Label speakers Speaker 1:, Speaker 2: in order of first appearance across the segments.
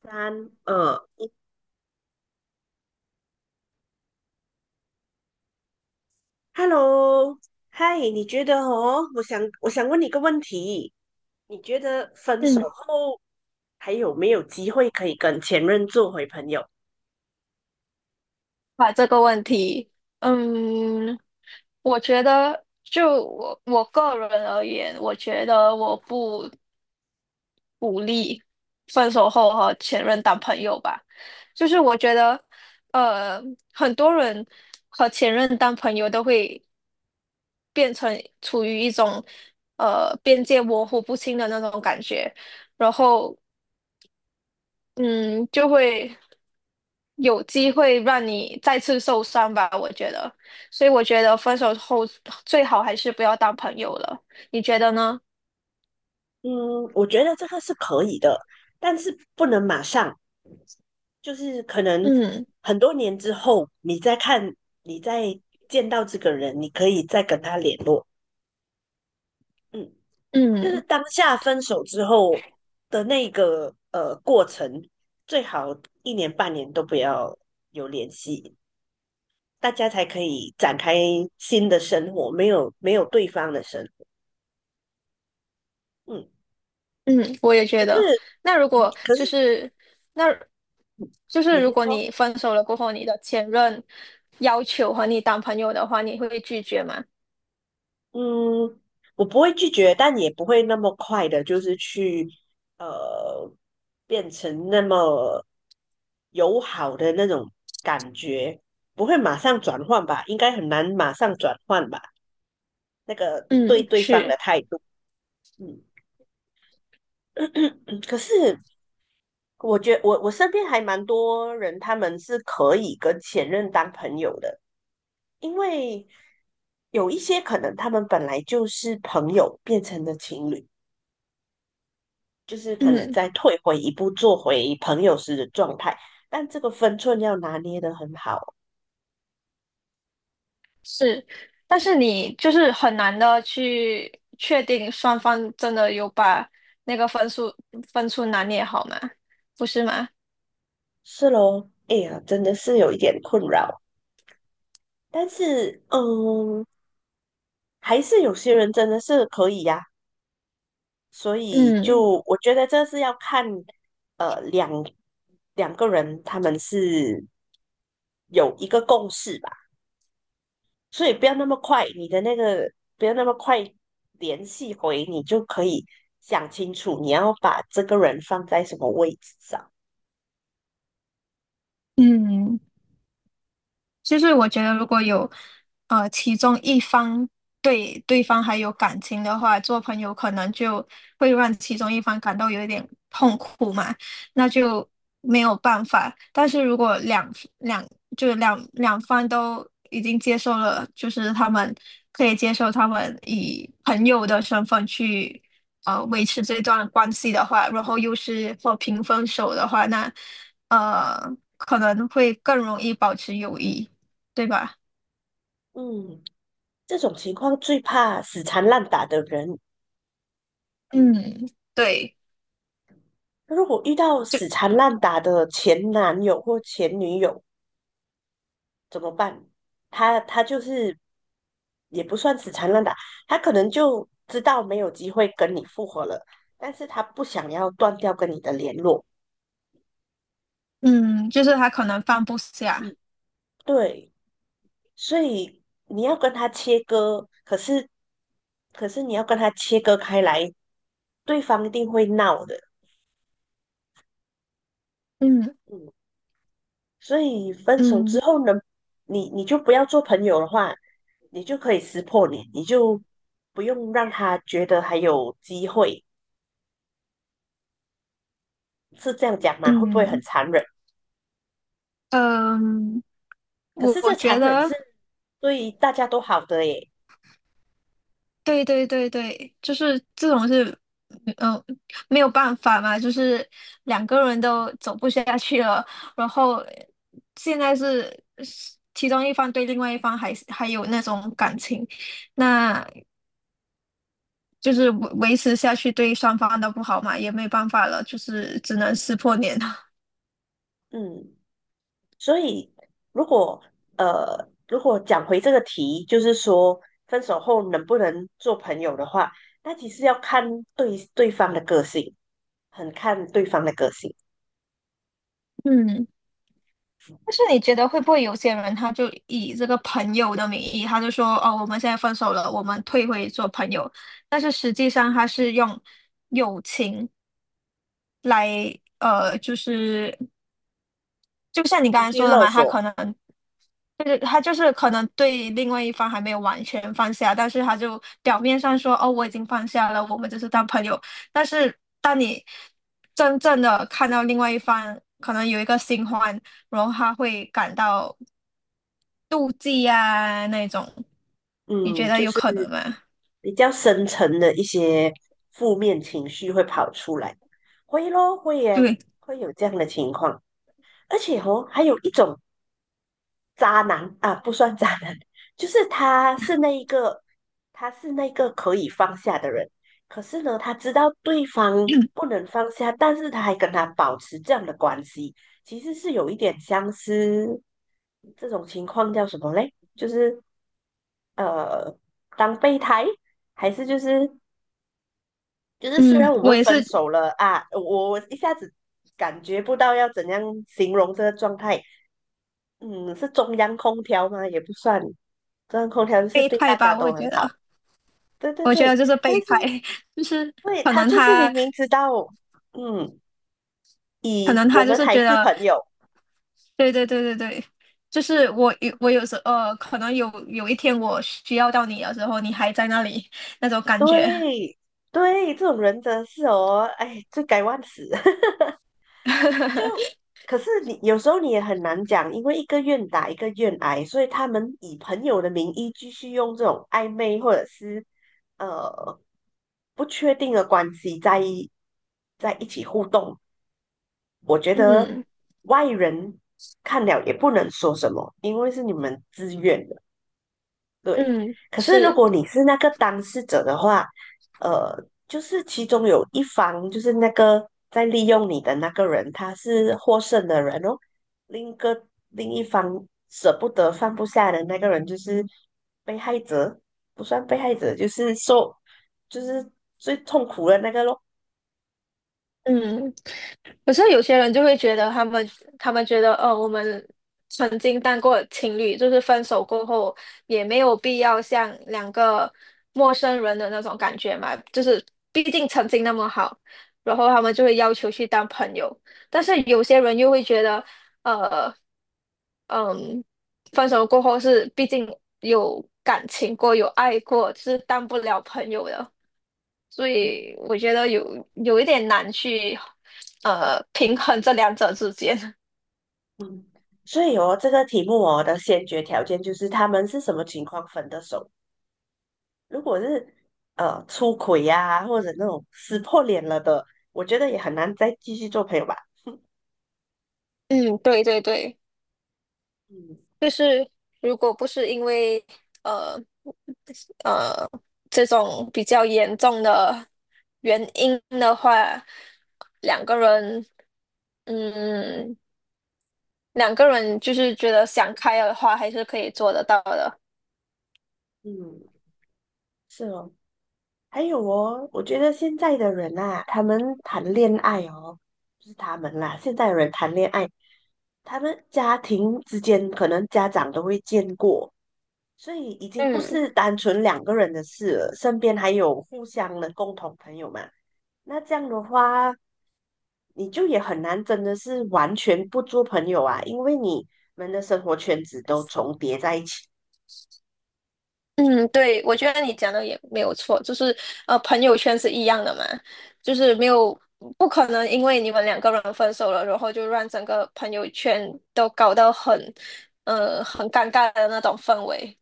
Speaker 1: 三二一，Hello，嗨，你觉得哦？我想问你一个问题，你觉得分手
Speaker 2: 嗯，
Speaker 1: 后还有没有机会可以跟前任做回朋友？
Speaker 2: 把这个问题，嗯，我觉得就我个人而言，我觉得我不鼓励分手后和前任当朋友吧。就是我觉得，呃，很多人和前任当朋友都会变成处于一种边界模糊不清的那种感觉，然后嗯，就会有机会让你再次受伤吧，我觉得。所以我觉得分手后最好还是不要当朋友了，你觉得呢？
Speaker 1: 嗯，我觉得这个是可以的，但是不能马上，就是可能
Speaker 2: 嗯
Speaker 1: 很多年之后，你再看，你再见到这个人，你可以再跟他联络。嗯。就是
Speaker 2: 嗯
Speaker 1: 当下分手之后的那个过程，最好一年半年都不要有联系，大家才可以展开新的生活，没有没有对方的生活。嗯，
Speaker 2: 嗯，我也
Speaker 1: 可
Speaker 2: 觉得。
Speaker 1: 是
Speaker 2: 那如
Speaker 1: 嗯
Speaker 2: 果
Speaker 1: 可是
Speaker 2: 就是那，
Speaker 1: 嗯
Speaker 2: 就
Speaker 1: 你
Speaker 2: 是如
Speaker 1: 先
Speaker 2: 果
Speaker 1: 说。
Speaker 2: 你分手了过后，你的前任要求和你当朋友的话，你会拒绝吗？
Speaker 1: 嗯，我不会拒绝，但也不会那么快的，就是去呃变成那么友好的那种感觉，不会马上转换吧？应该很难马上转换吧？那个
Speaker 2: 嗯，
Speaker 1: 对对方的
Speaker 2: 是，
Speaker 1: 态度。嗯。可是我觉我身边还蛮多人，他们是可以跟前任当朋友的，因为有一些可能他们本来就是朋友，变成了情侣，就是可能
Speaker 2: 嗯。
Speaker 1: 再退回一步，做回朋友时的状态。但这个分寸要拿捏得很好。
Speaker 2: 是，但是你就是很难的去确定双方真的有把那个分数拿捏好吗？不是吗？
Speaker 1: 是咯，哎呀，真的是有一点困扰。但是，嗯，还是有些人真的是可以呀、所以
Speaker 2: 嗯
Speaker 1: 就我觉得这是要看呃两两个人他们是有一个共识吧，所以不要那么快，你的那个不要那么快联系回，你就可以想清楚你要把这个人放在什么位置上。
Speaker 2: 嗯，就是我觉得如果有其中一方对对方还有感情的话，做朋友可能就会让其中一方感到有一点痛苦嘛，那就没有办法。但是如果两两就是两两方都已经接受了，就是他们可以接受他们以朋友的身份去维持这段关系的话，然后又是和平分手的话，那呃可能会更容易保持友谊。对吧？
Speaker 1: 嗯，这种情况最怕死缠烂打的人。
Speaker 2: 嗯对，
Speaker 1: 如果遇到
Speaker 2: 就
Speaker 1: 死缠烂打的前男友或前女友，怎么办？他就是也不算死缠烂打，他可能就知道没有机会跟你复合了，但是他不想要断掉跟你的联络。
Speaker 2: 嗯，就是他可能放不下。
Speaker 1: 嗯，对，所以你要跟他切割，可是你要跟他切割开来，对方一定会闹的。
Speaker 2: 嗯
Speaker 1: 嗯，所以分手之
Speaker 2: 嗯
Speaker 1: 后呢，你就不要做朋友的话，你就可以撕破脸，你就不用让他觉得还有机会。是这样讲吗？会不会很
Speaker 2: 嗯
Speaker 1: 残忍？
Speaker 2: 嗯，
Speaker 1: 可
Speaker 2: 我
Speaker 1: 是
Speaker 2: 我
Speaker 1: 这
Speaker 2: 觉
Speaker 1: 残忍是
Speaker 2: 得，
Speaker 1: 对大家都好的耶。
Speaker 2: 对对对对，就是这种是，嗯，没有办法嘛，就是两个人都走不下去了，然后现在是其中一方对另外一方还有那种感情，那就是维持下去对双方都不好嘛，也没办法了，就是只能撕破脸了。
Speaker 1: 嗯，所以如果如果讲回这个题，就是说分手后能不能做朋友的话，那其实要看对对方的个性，很看对方的个性。
Speaker 2: 嗯。但是你觉得会不会有些人他就以这个朋友的名义，他就说哦，我们现在分手了，我们退回做朋友，但是实际上他是用友情来呃，就是就像你
Speaker 1: 情
Speaker 2: 刚才
Speaker 1: 绪
Speaker 2: 说的
Speaker 1: 勒
Speaker 2: 嘛，
Speaker 1: 索。
Speaker 2: 他就是可能对另外一方还没有完全放下，但是他就表面上说哦，我已经放下了，我们就是当朋友，但是当你真正的看到另外一方可能有一个新欢。然后他会感到妒忌啊那种，你
Speaker 1: 嗯，
Speaker 2: 觉得
Speaker 1: 就
Speaker 2: 有
Speaker 1: 是
Speaker 2: 可能吗？
Speaker 1: 比较深层的一些负面情绪会跑出来，会咯，会耶，
Speaker 2: 对，
Speaker 1: 会有这样的情况。而且哦，还有一种渣男啊，不算渣男，就是他是那一个，他是那个可以放下的人。可是呢，他知道对方不能放下，但是他还跟他保持这样的关系，其实是有一点相似，这种情况叫什么嘞？就是呃，当备胎，还是就是就是虽然
Speaker 2: 嗯，
Speaker 1: 我
Speaker 2: 我
Speaker 1: 们
Speaker 2: 也
Speaker 1: 分
Speaker 2: 是
Speaker 1: 手了啊，我一下子感觉不到要怎样形容这个状态。嗯，是中央空调吗？也不算，中央空调就是
Speaker 2: 备
Speaker 1: 对
Speaker 2: 胎
Speaker 1: 大家
Speaker 2: 吧，我
Speaker 1: 都很
Speaker 2: 觉
Speaker 1: 好。
Speaker 2: 得，
Speaker 1: 对对
Speaker 2: 我觉得
Speaker 1: 对，
Speaker 2: 就是
Speaker 1: 但
Speaker 2: 备
Speaker 1: 是
Speaker 2: 胎，就是
Speaker 1: 对
Speaker 2: 可
Speaker 1: 他
Speaker 2: 能
Speaker 1: 就是明
Speaker 2: 他，
Speaker 1: 明知道，嗯，
Speaker 2: 可
Speaker 1: 以
Speaker 2: 能
Speaker 1: 我
Speaker 2: 他就
Speaker 1: 们
Speaker 2: 是
Speaker 1: 还
Speaker 2: 觉
Speaker 1: 是
Speaker 2: 得，
Speaker 1: 朋友。
Speaker 2: 对对对对对，就是我有时可能有一天我需要到你的时候，你还在那里那种感觉，
Speaker 1: 对对，这种人真的是哦，哎，罪该万死。可是你有时候你也很难讲，因为一个愿打一个愿挨，所以他们以朋友的名义继续用这种暧昧或者是呃不确定的关系在一起互动，我觉得
Speaker 2: 嗯
Speaker 1: 外人看了也不能说什么，因为是你们自愿的。对。
Speaker 2: 嗯，
Speaker 1: 可是如
Speaker 2: 是，
Speaker 1: 果你是那个当事者的话，呃，就是其中有一方，就是那个在利用你的那个人，他是获胜的人哦，另一方舍不得放不下的那个人，就是被害者，不算被害者，就是受，就是最痛苦的那个咯。
Speaker 2: 嗯。可是有些人就会觉得他们，他们觉得，呃，我们曾经当过情侣，就是分手过后也没有必要像两个陌生人的那种感觉嘛，就是毕竟曾经那么好，然后他们就会要求去当朋友。但是有些人又会觉得，呃，嗯，分手过后是毕竟有感情过，有爱过，是当不了朋友的。所以我觉得有一点难去平衡这两者之间。
Speaker 1: 嗯，所以哦，这个题目哦的先决条件就是他们是什么情况分的手。如果是出轨呀、或者那种撕破脸了的，我觉得也很难再继续做朋友吧。
Speaker 2: 嗯，对对对，
Speaker 1: 嗯
Speaker 2: 就是如果不是因为呃呃这种比较严重的原因的话，两个人嗯两个人就是觉得想开的话，还是可以做得到的。
Speaker 1: 嗯，是哦。还有哦，我觉得现在的人啊，他们谈恋爱哦，不是他们啦，现在的人谈恋爱，他们家庭之间可能家长都会见过，所以已经不
Speaker 2: 嗯。
Speaker 1: 是单纯两个人的事了，身边还有互相的共同朋友嘛。那这样的话，你就也很难真的是完全不做朋友啊，因为你们的生活圈子都重叠在一起。
Speaker 2: 嗯，对，我觉得你讲的也没有错，就是朋友圈是一样的嘛，就是没有不可能因为你们两个人分手了，然后就让整个朋友圈都搞得很很尴尬的那种氛围。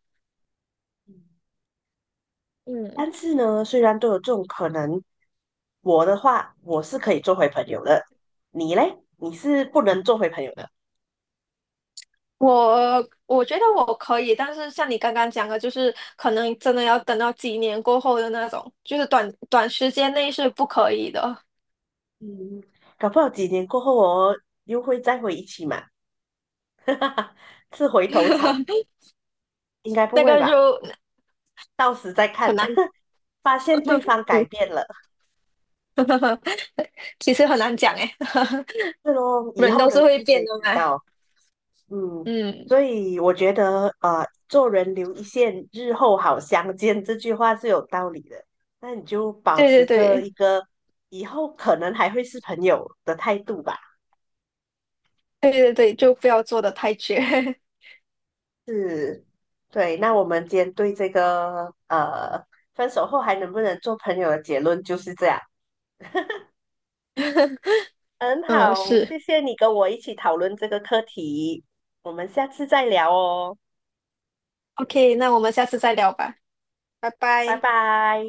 Speaker 2: 嗯，
Speaker 1: 但是呢，虽然都有这种可能，我的话我是可以做回朋友的，你嘞？你是不能做回朋友的。
Speaker 2: 我我觉得我可以，但是像你刚刚讲的，就是可能真的要等到几年过后的那种，就是短短时间内是不可以的，
Speaker 1: 嗯，搞不好几年过后哦，又会再回一起嘛，是回头草，应该不
Speaker 2: 那
Speaker 1: 会
Speaker 2: 个就
Speaker 1: 吧？到时再
Speaker 2: 很
Speaker 1: 看。
Speaker 2: 难，
Speaker 1: 发现对方改变了，
Speaker 2: 其实很难讲诶。
Speaker 1: 是咯，以
Speaker 2: 人
Speaker 1: 后
Speaker 2: 都
Speaker 1: 的
Speaker 2: 是
Speaker 1: 事
Speaker 2: 会变
Speaker 1: 谁
Speaker 2: 的
Speaker 1: 知
Speaker 2: 嘛。
Speaker 1: 道？嗯，
Speaker 2: 嗯，
Speaker 1: 所以我觉得，做人留一线，日后好相见，这句话是有道理的。那你就保
Speaker 2: 对对
Speaker 1: 持着一
Speaker 2: 对
Speaker 1: 个以后可能还会是朋友的态度吧。
Speaker 2: 对对对，就不要做的太绝。
Speaker 1: 是，对。那我们今天对这个分手后还能不能做朋友的结论就是这样。很
Speaker 2: 嗯，
Speaker 1: 好，
Speaker 2: 是。
Speaker 1: 谢谢你跟我一起讨论这个课题，我们下次再聊哦，
Speaker 2: OK,那我们下次再聊吧，拜
Speaker 1: 拜
Speaker 2: 拜。
Speaker 1: 拜。